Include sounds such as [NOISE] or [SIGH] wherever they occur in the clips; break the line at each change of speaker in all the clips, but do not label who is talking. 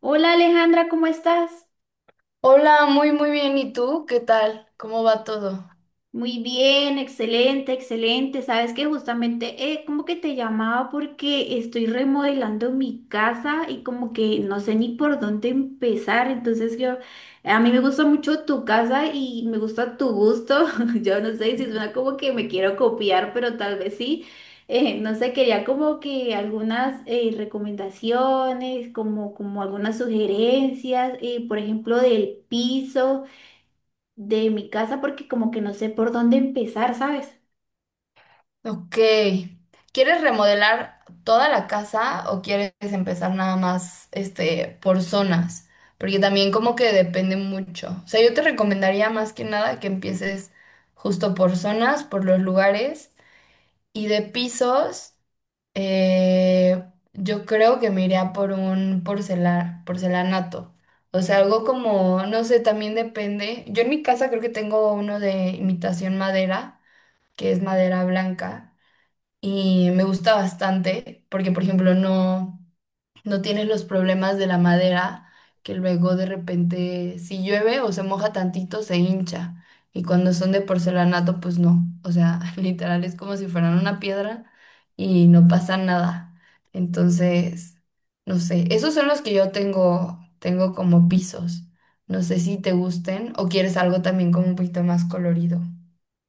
Hola Alejandra, ¿cómo estás?
Hola, muy muy bien. ¿Y tú? ¿Qué tal? ¿Cómo va todo?
Muy bien, excelente, excelente. Sabes que justamente como que te llamaba porque estoy remodelando mi casa y como que no sé ni por dónde empezar. Entonces yo, a mí me gusta mucho tu casa y me gusta tu gusto. [LAUGHS] Yo no sé si suena como que me quiero copiar, pero tal vez sí. No sé, quería como que algunas recomendaciones, como algunas sugerencias, por ejemplo, del piso de mi casa porque como que no sé por dónde empezar, ¿sabes?
Ok. ¿Quieres remodelar toda la casa o quieres empezar nada más por zonas? Porque también como que depende mucho. O sea, yo te recomendaría más que nada que empieces justo por zonas, por los lugares. Y de pisos, yo creo que me iría por un porcelanato. O sea, algo como, no sé, también depende. Yo en mi casa creo que tengo uno de imitación madera, que es madera blanca, y me gusta bastante, porque por ejemplo no tienes los problemas de la madera, que luego de repente si llueve o se moja tantito se hincha. Y cuando son de porcelanato, pues no. O sea, [LAUGHS] literal es como si fueran una piedra y no pasa nada. Entonces, no sé, esos son los que yo tengo, tengo como pisos. No sé si te gusten o quieres algo también como un poquito más colorido.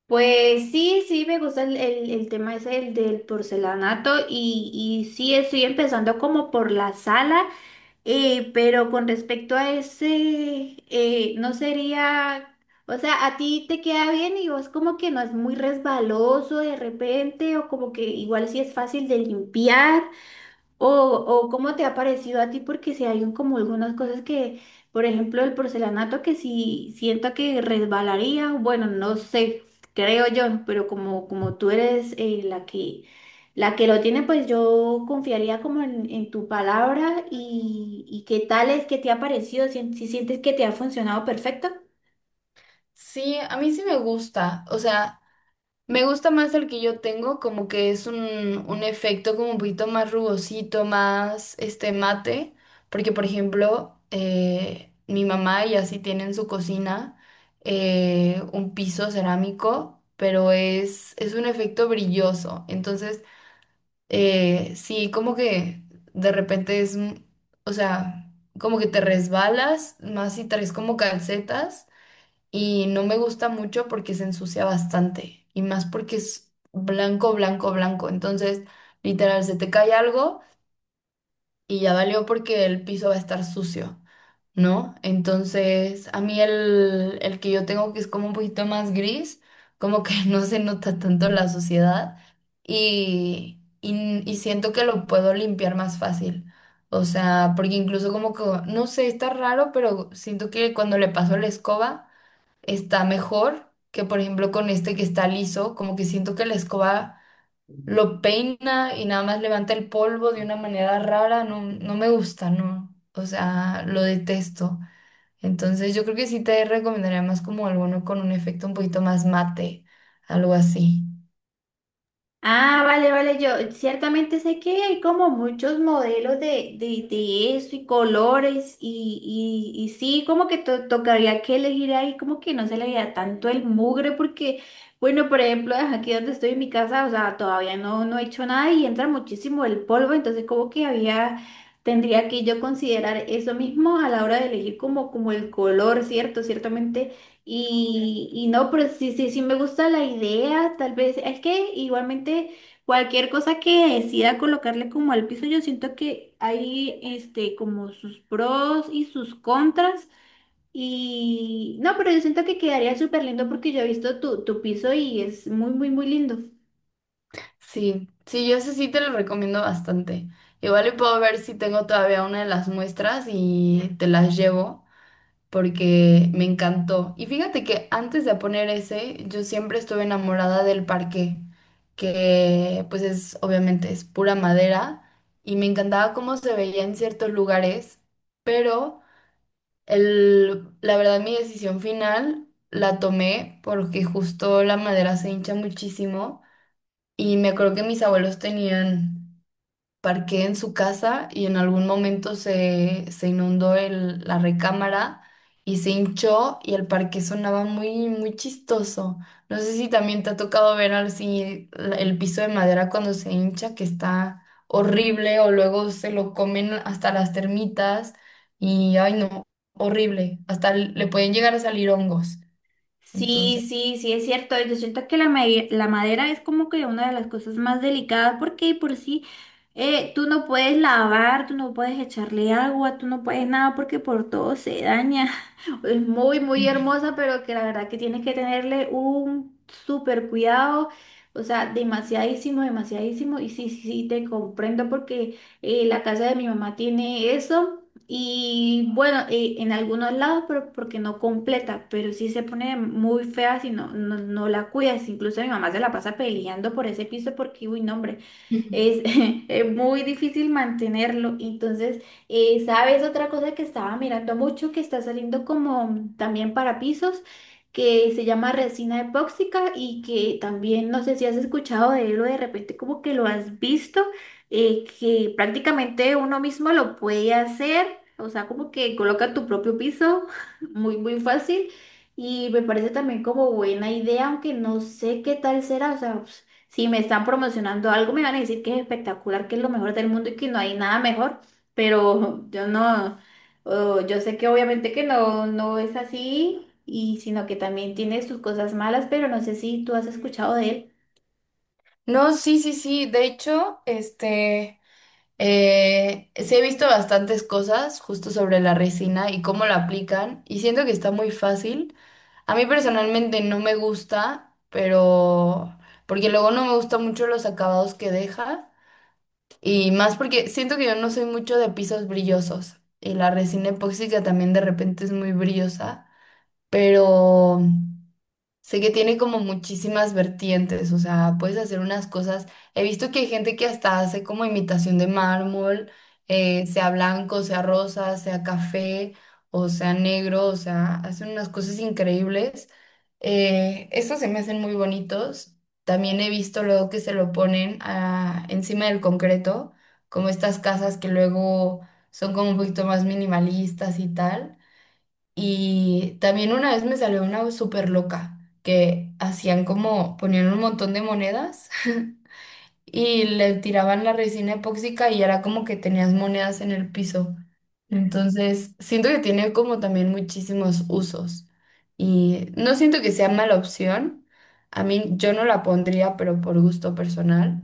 Pues sí, sí, me gusta el tema ese, el del porcelanato, y sí, estoy empezando como por la sala, pero con respecto a ese, no sería, o sea, a ti te queda bien y vos como que no es muy resbaloso de repente, o como que igual sí es fácil de limpiar. O cómo te ha parecido a ti, porque si hay como algunas cosas que, por ejemplo, el porcelanato, que si siento que resbalaría, bueno, no sé, creo yo, pero como tú eres la que lo tiene, pues yo confiaría como en tu palabra y qué tal es que te ha parecido, si, si sientes que te ha funcionado perfecto.
Sí, a mí sí me gusta. O sea, me gusta más el que yo tengo, como que es un efecto como un poquito más rugosito, más mate, porque por ejemplo, mi mamá y así tiene en su cocina un piso cerámico, pero es un efecto brilloso, entonces sí, como que de repente es, o sea, como que te resbalas, más si traes como calcetas, y no me gusta mucho porque se ensucia bastante y más porque es blanco, blanco, blanco. Entonces, literal, se te cae algo y ya valió porque el piso va a estar sucio, ¿no? Entonces, a mí el que yo tengo que es como un poquito más gris, como que [LAUGHS] no se nota tanto la suciedad y siento que lo puedo limpiar más fácil. O sea, porque incluso como que, no sé, está raro, pero siento que cuando le paso la escoba, está mejor que, por ejemplo, con este que está liso, como que siento que la escoba lo peina y nada más levanta el polvo de una manera rara. No, no me gusta, no, o sea, lo detesto. Entonces yo creo que sí te recomendaría más como alguno con un efecto un poquito más mate, algo así.
Ah, vale, vale, yo ciertamente sé que hay como muchos modelos de eso y colores, y sí, como que tocaría que elegir ahí, como que no se le veía tanto el mugre porque, bueno, por ejemplo, ajá, aquí donde estoy en mi casa, o sea, todavía no he hecho nada y entra muchísimo el polvo, entonces como que había, tendría que yo considerar eso mismo a la hora de elegir como el color, ¿cierto? Ciertamente. Y no, pero sí, sí, sí me gusta la idea, tal vez, es que igualmente cualquier cosa que decida colocarle como al piso, yo siento que hay este como sus pros y sus contras. Y no, pero yo siento que quedaría súper lindo porque yo he visto tu piso y es muy, muy, muy lindo.
Sí, sí, yo ese sí te lo recomiendo bastante. Igual y puedo ver si tengo todavía una de las muestras y te las llevo, porque me encantó. Y fíjate que antes de poner ese, yo siempre estuve enamorada del parque, que pues es obviamente es pura madera y me encantaba cómo se veía en ciertos lugares, pero la verdad mi decisión final la tomé porque justo la madera se hincha muchísimo. Y me acuerdo que mis abuelos tenían parqué en su casa y en algún momento se inundó la recámara y se hinchó y el parque sonaba muy, muy chistoso. No sé si también te ha tocado ver así el piso de madera cuando se hincha, que está horrible, o luego se lo comen hasta las termitas y, ay no, horrible, hasta le pueden llegar a salir hongos. Entonces,
Sí, sí, sí, es cierto. Yo siento que la, la madera es como que una de las cosas más delicadas porque de por sí tú no puedes lavar, tú no puedes echarle agua, tú no puedes nada porque por todo se daña. [LAUGHS] Es muy, muy
sí.
hermosa, pero que la verdad que tienes que tenerle un súper cuidado. O sea, demasiadísimo, demasiadísimo. Y sí, sí, sí, te comprendo porque la casa de mi mamá tiene eso. Y bueno, en algunos lados, pero porque no completa, pero sí se pone muy fea si no la cuidas. Incluso mi mamá se la pasa peleando por ese piso porque, uy, no, hombre, es,
[LAUGHS]
[LAUGHS] es muy difícil mantenerlo. Entonces, ¿sabes otra cosa que estaba mirando mucho que está saliendo como también para pisos? Que se llama resina epóxica y que también no sé si has escuchado de él, o de repente como que lo has visto, que prácticamente uno mismo lo puede hacer, o sea, como que coloca tu propio piso, [LAUGHS] muy, muy fácil, y me parece también como buena idea, aunque no sé qué tal será, o sea, pues, si me están promocionando algo, me van a decir que es espectacular, que es lo mejor del mundo y que no hay nada mejor, pero [LAUGHS] yo no, oh, yo sé que obviamente que no, no es así. Y sino que también tiene sus cosas malas, pero no sé si tú has escuchado de
No, sí, sí, sí. De hecho, sí he visto bastantes cosas justo sobre la resina y cómo la aplican y siento que está muy fácil. A mí personalmente no me gusta, pero porque luego no me gustan mucho los acabados que deja, y más porque siento que yo no soy mucho de pisos brillosos y la resina epóxica también de repente es muy brillosa, pero... Sé que tiene como muchísimas vertientes, o sea, puedes hacer unas cosas. He visto que hay gente que hasta hace como imitación de mármol, sea blanco, sea rosa, sea café o sea negro, o sea, hacen unas cosas increíbles. Estos se me hacen muy bonitos. También he visto luego que se lo ponen encima del concreto, como estas casas que luego son como un poquito más minimalistas y tal. Y también una vez me salió una súper loca que hacían como, ponían un montón de monedas [LAUGHS] y le tiraban la resina epóxica y era como que tenías monedas en el piso. Entonces, siento que tiene como también muchísimos usos y no siento que sea mala opción. A mí yo no la pondría, pero por gusto personal,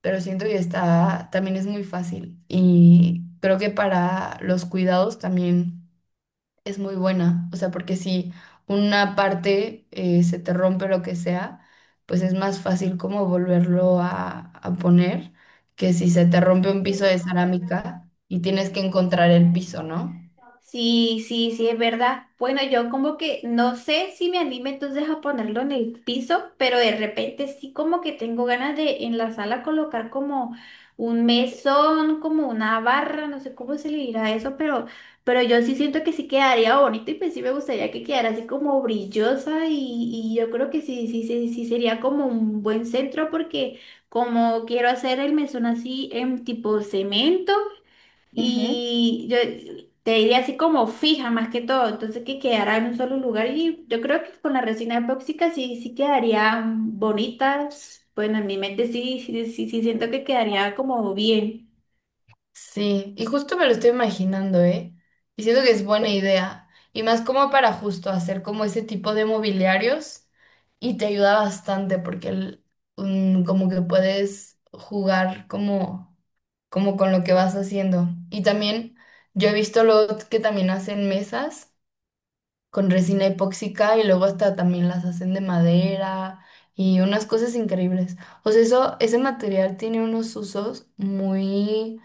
pero siento que está, también es muy fácil y creo que para los cuidados también es muy buena. O sea, porque si una parte se te rompe lo que sea, pues es más fácil como volverlo a poner que si se te rompe un piso de cerámica y tienes que encontrar el
él.
piso, ¿no?
Sí, sí, sí, es verdad. Bueno, yo como que no sé si me anime entonces a ponerlo en el piso, pero de repente sí como que tengo ganas de en la sala colocar como un mesón, como una barra, no sé cómo se le dirá eso, pero yo sí siento que sí quedaría bonito y pues sí me gustaría que quedara así como brillosa, y yo creo que sí, sí, sí, sí sería como un buen centro porque como quiero hacer el mesón así en tipo cemento. Y yo te diría así como fija más que todo, entonces que quedara en un solo lugar y yo creo que con la resina epóxica sí, sí quedarían bonitas. Bueno, en mi mente sí, sí, sí, sí siento que quedaría como bien.
Sí, y justo me lo estoy imaginando, ¿eh? Y siento que es buena idea. Y más como para justo hacer como ese tipo de mobiliarios y te ayuda bastante porque como que puedes jugar como con lo que vas haciendo. Y también yo he visto luego que también hacen mesas con resina epóxica y luego hasta también las hacen de madera y unas cosas increíbles. O sea, ese material tiene unos usos muy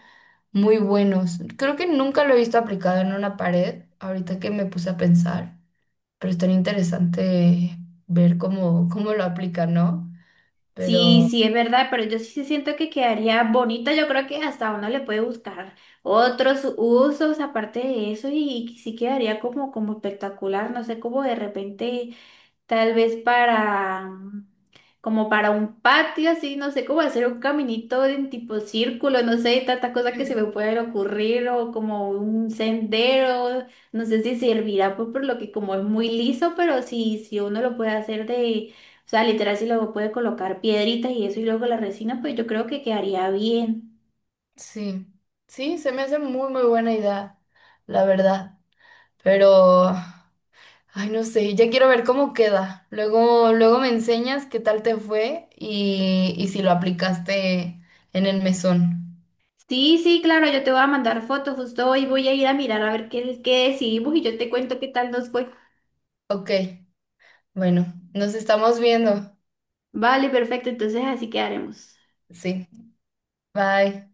muy buenos. Creo que nunca lo he visto aplicado en una pared, ahorita que me puse a pensar, pero es tan interesante ver cómo lo aplica, ¿no?
Sí,
Pero
sí es verdad, pero yo sí, sí siento que quedaría bonita. Yo creo que hasta uno le puede buscar otros usos aparte de eso y sí quedaría como, como espectacular. No sé, como de repente. Tal vez para, como para un patio, así, no sé, cómo hacer un caminito en tipo círculo, no sé, tanta cosa que se me
[LAUGHS]
puede ocurrir, o como un sendero, no sé si servirá, pues, por lo que como es muy liso, pero si uno lo puede hacer de, o sea, literal, si luego puede colocar piedritas y eso y luego la resina, pues yo creo que quedaría bien.
sí, sí, se me hace muy, muy buena idea, la verdad. Pero, ay, no sé, ya quiero ver cómo queda. Luego, luego me enseñas qué tal te fue y si lo aplicaste en el mesón.
Sí, sí, claro, yo te voy a mandar fotos, justo hoy voy a ir a mirar a ver qué decidimos y yo te cuento qué tal nos fue.
Ok, bueno, nos estamos viendo.
Vale, perfecto, entonces así quedaremos.
Sí, bye.